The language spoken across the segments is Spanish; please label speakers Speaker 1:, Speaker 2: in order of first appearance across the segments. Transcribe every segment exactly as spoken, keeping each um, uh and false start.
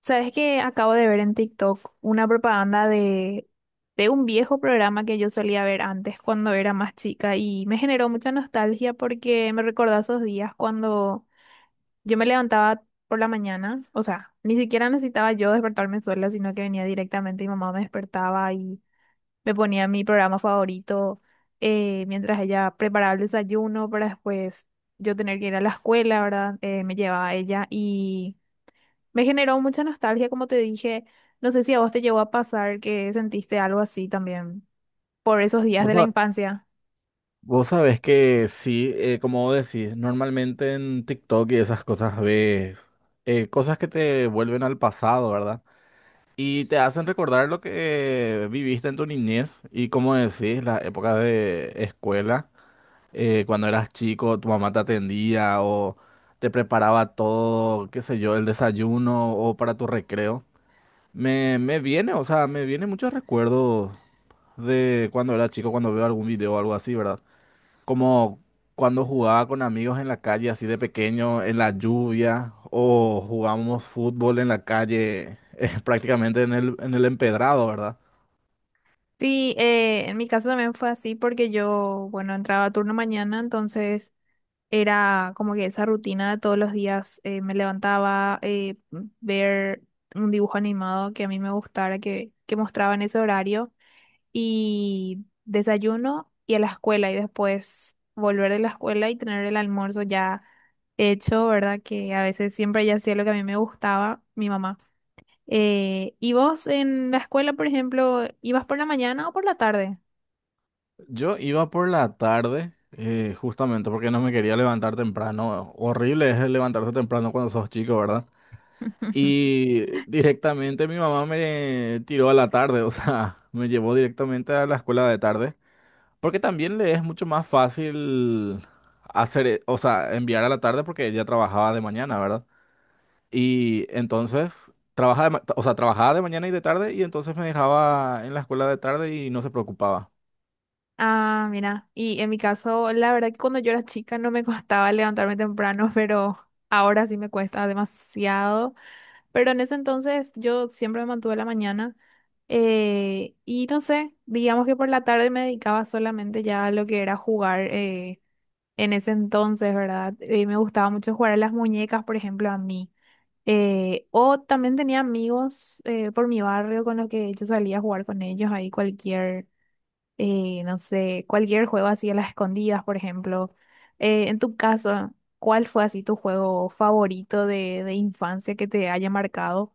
Speaker 1: Sabes que acabo de ver en TikTok una propaganda de, de un viejo programa que yo solía ver antes cuando era más chica y me generó mucha nostalgia porque me recordó a esos días cuando yo me levantaba por la mañana. O sea, ni siquiera necesitaba yo despertarme sola, sino que venía directamente, mi mamá me despertaba y me ponía mi programa favorito eh, mientras ella preparaba el desayuno para después yo tener que ir a la escuela, ¿verdad? Eh, me llevaba ella y... Me generó mucha nostalgia, como te dije. No sé si a vos te llegó a pasar que sentiste algo así también por esos días
Speaker 2: Vos,
Speaker 1: de la
Speaker 2: sa-
Speaker 1: infancia.
Speaker 2: vos sabés que sí, eh, como vos decís, normalmente en TikTok y esas cosas ves eh, cosas que te vuelven al pasado, ¿verdad? Y te hacen recordar lo que viviste en tu niñez y como decís, las épocas de escuela, eh, cuando eras chico, tu mamá te atendía o te preparaba todo, qué sé yo, el desayuno o para tu recreo. Me, me viene, o sea, me vienen muchos recuerdos de cuando era chico, cuando veo algún video o algo así, ¿verdad? Como cuando jugaba con amigos en la calle, así de pequeño, en la lluvia, o jugábamos fútbol en la calle, eh, prácticamente en el, en el empedrado, ¿verdad?
Speaker 1: Sí, eh, en mi caso también fue así porque yo, bueno, entraba a turno mañana, entonces era como que esa rutina de todos los días. Eh, me levantaba eh, ver un dibujo animado que a mí me gustara, que, que mostraba en ese horario. Y desayuno y a la escuela y después volver de la escuela y tener el almuerzo ya hecho, ¿verdad? Que a veces siempre ya hacía lo que a mí me gustaba, mi mamá. Eh, ¿y vos en la escuela, por ejemplo, ibas por la mañana o por la tarde?
Speaker 2: Yo iba por la tarde, eh, justamente porque no me quería levantar temprano. Horrible es el levantarse temprano cuando sos chico, ¿verdad? Y directamente mi mamá me tiró a la tarde, o sea, me llevó directamente a la escuela de tarde. Porque también le es mucho más fácil hacer, eh, o sea, enviar a la tarde porque ella trabajaba de mañana, ¿verdad? Y entonces trabajaba de, ma- o sea, trabajaba de mañana y de tarde y entonces me dejaba en la escuela de tarde y no se preocupaba.
Speaker 1: Ah, mira, y en mi caso, la verdad que cuando yo era chica no me costaba levantarme temprano, pero ahora sí me cuesta demasiado. Pero en ese entonces yo siempre me mantuve la mañana, eh, y no sé, digamos que por la tarde me dedicaba solamente ya a lo que era jugar, eh, en ese entonces, ¿verdad? Eh, me gustaba mucho jugar a las muñecas, por ejemplo, a mí. Eh, o también tenía amigos, eh, por mi barrio con los que yo salía a jugar con ellos ahí cualquier, eh, no sé, cualquier juego así a las escondidas, por ejemplo. Eh, en tu caso, ¿cuál fue así tu juego favorito de, de infancia que te haya marcado?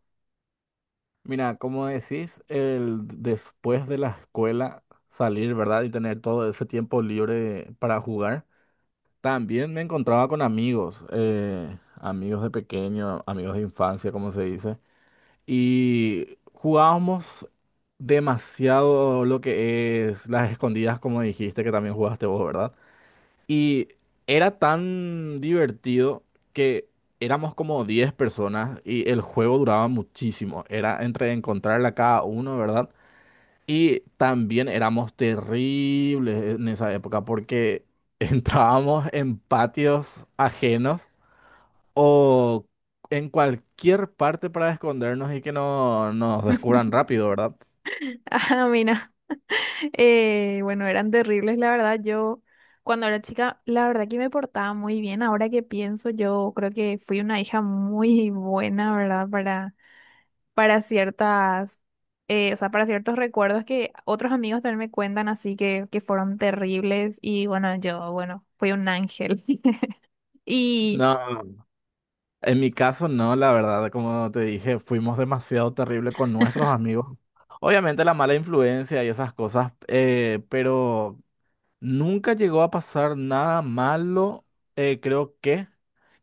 Speaker 2: Mira, como decís, el después de la escuela salir, ¿verdad? Y tener todo ese tiempo libre para jugar. También me encontraba con amigos, eh, amigos de pequeño, amigos de infancia, como se dice. Y jugábamos demasiado lo que es las escondidas, como dijiste, que también jugaste vos, ¿verdad? Y era tan divertido que éramos como diez personas y el juego duraba muchísimo. Era entre encontrarla a cada uno, ¿verdad? Y también éramos terribles en esa época porque entrábamos en patios ajenos o en cualquier parte para escondernos y que no nos descubran rápido, ¿verdad?
Speaker 1: Ah, mira, eh, bueno, eran terribles, la verdad. Yo, cuando era chica, la verdad que me portaba muy bien. Ahora que pienso, yo creo que fui una hija muy buena, ¿verdad? Para, para ciertas, eh, o sea, para ciertos recuerdos que otros amigos también me cuentan, así que, que fueron terribles. Y bueno, yo, bueno, fui un ángel. Y
Speaker 2: No, en mi caso no, la verdad, como te dije, fuimos demasiado terrible con nuestros amigos. Obviamente la mala influencia y esas cosas, eh, pero nunca llegó a pasar nada malo, eh, creo que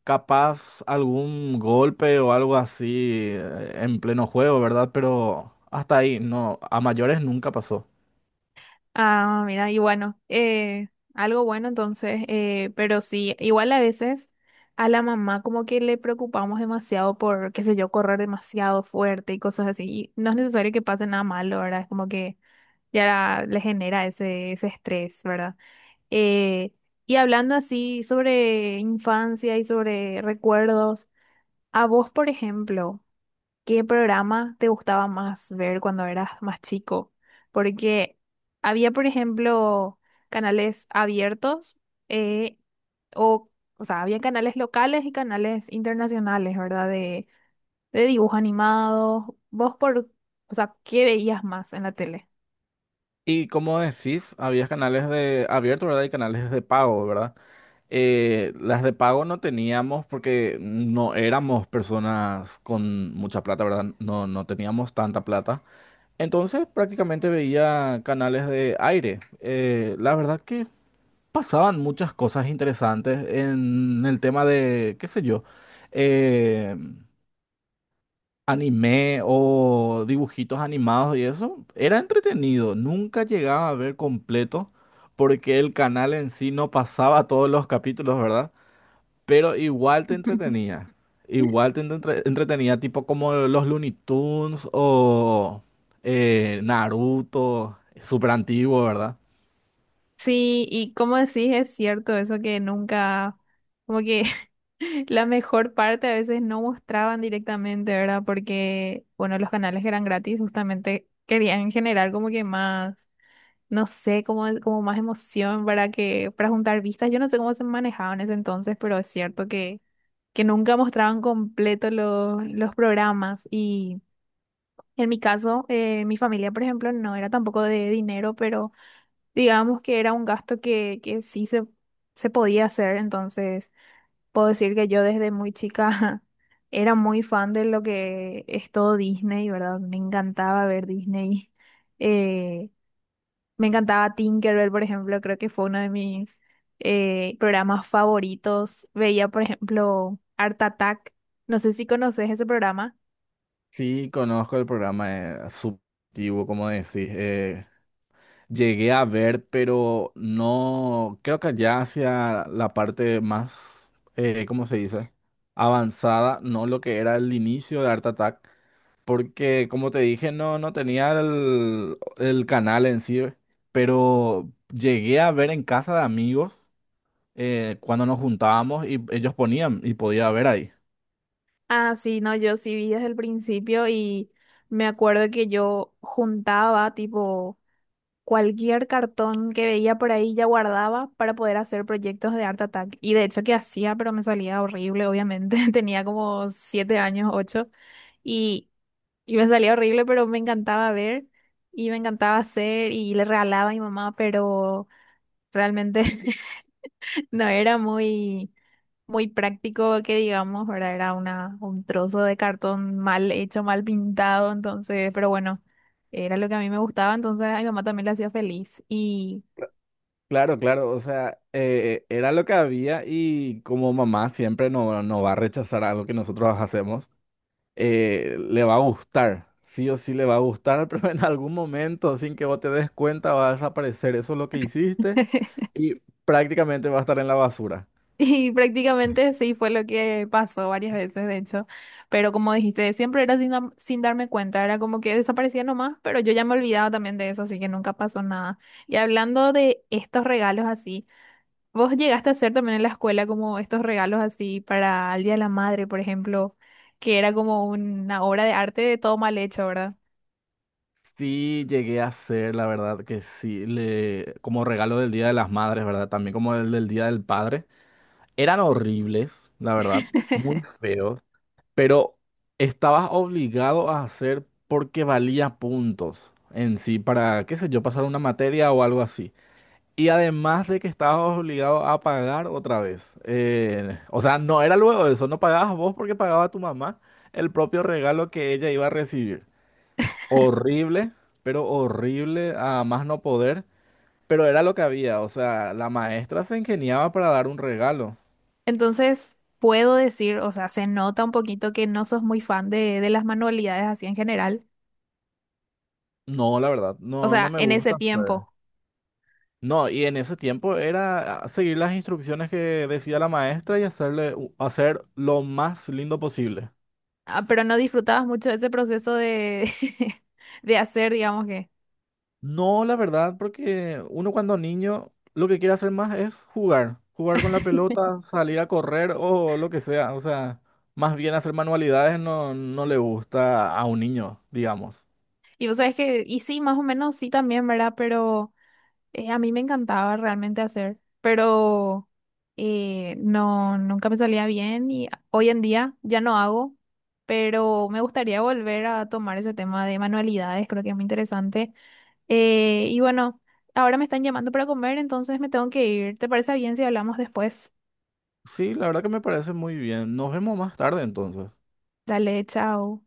Speaker 2: capaz algún golpe o algo así eh, en pleno juego, ¿verdad? Pero hasta ahí, no, a mayores nunca pasó.
Speaker 1: ah, mira, y bueno, eh, algo bueno entonces, eh, pero sí, igual a veces a la mamá como que le preocupamos demasiado por, qué sé yo, correr demasiado fuerte y cosas así. Y no es necesario que pase nada malo, ¿verdad? Es como que ya le genera ese, ese estrés, ¿verdad? Eh, y hablando así sobre infancia y sobre recuerdos, a vos, por ejemplo. ¿Qué programa te gustaba más ver cuando eras más chico? Porque había, por ejemplo, canales abiertos, eh, o, o sea, había canales locales y canales internacionales, ¿verdad? De, de dibujos animados. ¿Vos por, o sea, qué veías más en la tele?
Speaker 2: Y como decís, había canales de abierto, ¿verdad? Y canales de pago, ¿verdad? Eh, las de pago no teníamos porque no éramos personas con mucha plata, ¿verdad? No, no teníamos tanta plata. Entonces prácticamente veía canales de aire. Eh, la verdad que pasaban muchas cosas interesantes en el tema de, qué sé yo. eh, Anime o dibujitos animados y eso, era entretenido. Nunca llegaba a ver completo porque el canal en sí no pasaba todos los capítulos, ¿verdad? Pero igual te entretenía. Igual te entre- entretenía, tipo como los Looney Tunes o eh, Naruto, súper antiguo, ¿verdad?
Speaker 1: Sí, y como decís, es cierto eso que nunca, como que la mejor parte a veces no mostraban directamente, ¿verdad? Porque, bueno, los canales que eran gratis justamente querían generar como que más, no sé, como, como más emoción para que, para juntar vistas. Yo no sé cómo se manejaban en ese entonces, pero es cierto que, que nunca mostraban completo los, los programas. Y en mi caso, eh, mi familia, por ejemplo, no era tampoco de dinero, pero digamos que era un gasto que, que sí se, se podía hacer, entonces puedo decir que yo desde muy chica era muy fan de lo que es todo Disney, ¿verdad? Me encantaba ver Disney. Eh, Me encantaba Tinkerbell, por ejemplo, creo que fue uno de mis eh, programas favoritos. Veía, por ejemplo, Art Attack. No sé si conoces ese programa.
Speaker 2: Sí, conozco el programa, eh, sub- antiguo, como decís. eh, Llegué a ver, pero no, creo que ya hacia la parte más, eh, ¿cómo se dice? Avanzada, no lo que era el inicio de Art Attack, porque como te dije, no, no tenía el, el canal en sí, pero llegué a ver en casa de amigos eh, cuando nos juntábamos y ellos ponían y podía ver ahí.
Speaker 1: Ah, sí, no, yo sí vi desde el principio y me acuerdo que yo juntaba tipo cualquier cartón que veía por ahí ya guardaba para poder hacer proyectos de Art Attack. Y de hecho que hacía, pero me salía horrible, obviamente. Tenía como siete años, ocho. Y, y me salía horrible, pero me encantaba ver y me encantaba hacer y le regalaba a mi mamá, pero realmente no era muy, muy práctico que digamos, ¿verdad? Era una, un trozo de cartón mal hecho, mal pintado, entonces, pero bueno, era lo que a mí me gustaba, entonces a mi mamá también le hacía feliz. Y
Speaker 2: Claro, claro, o sea, eh, era lo que había y como mamá siempre no, no va a rechazar algo que nosotros hacemos. Eh, le va a gustar. Sí o sí le va a gustar, pero en algún momento, sin que vos te des cuenta, va a desaparecer. Eso es lo que hiciste y prácticamente va a estar en la basura.
Speaker 1: y prácticamente sí fue lo que pasó varias veces, de hecho. Pero como dijiste, siempre era sin, dam- sin darme cuenta, era como que desaparecía nomás, pero yo ya me olvidaba también de eso, así que nunca pasó nada. Y hablando de estos regalos así, ¿vos llegaste a hacer también en la escuela como estos regalos así para el Día de la Madre, por ejemplo, que era como una obra de arte de todo mal hecho, ¿verdad?
Speaker 2: Sí, llegué a hacer, la verdad que sí, le, como regalo del Día de las Madres, ¿verdad? También como el del Día del Padre. Eran horribles, la verdad, muy feos, pero estabas obligado a hacer porque valía puntos en sí para, qué sé yo, pasar una materia o algo así. Y además de que estabas obligado a pagar otra vez. Eh, o sea, no era luego de eso, no pagabas vos porque pagaba tu mamá el propio regalo que ella iba a recibir. Horrible, pero horrible a más no poder. Pero era lo que había, o sea, la maestra se ingeniaba para dar un regalo.
Speaker 1: Entonces, puedo decir, o sea, se nota un poquito que no sos muy fan de, de las manualidades así en general.
Speaker 2: No, la verdad,
Speaker 1: O
Speaker 2: no, no
Speaker 1: sea,
Speaker 2: me
Speaker 1: en ese
Speaker 2: gusta hacer.
Speaker 1: tiempo.
Speaker 2: No, y en ese tiempo era ah, seguir las instrucciones que decía la maestra y hacerle, hacer lo más lindo posible.
Speaker 1: Ah, pero no disfrutabas mucho ese proceso de, de hacer, digamos que.
Speaker 2: No, la verdad, porque uno cuando niño lo que quiere hacer más es jugar, jugar con la pelota, salir a correr o lo que sea. O sea, más bien hacer manualidades no, no le gusta a un niño, digamos.
Speaker 1: Y vos sabés que, y sí, más o menos sí también, ¿verdad? Pero eh, a mí me encantaba realmente hacer, pero eh, no, nunca me salía bien y hoy en día ya no hago, pero me gustaría volver a tomar ese tema de manualidades, creo que es muy interesante. Eh, y bueno, ahora me están llamando para comer, entonces me tengo que ir. ¿Te parece bien si hablamos después?
Speaker 2: Sí, la verdad que me parece muy bien. Nos vemos más tarde entonces.
Speaker 1: Dale, chao.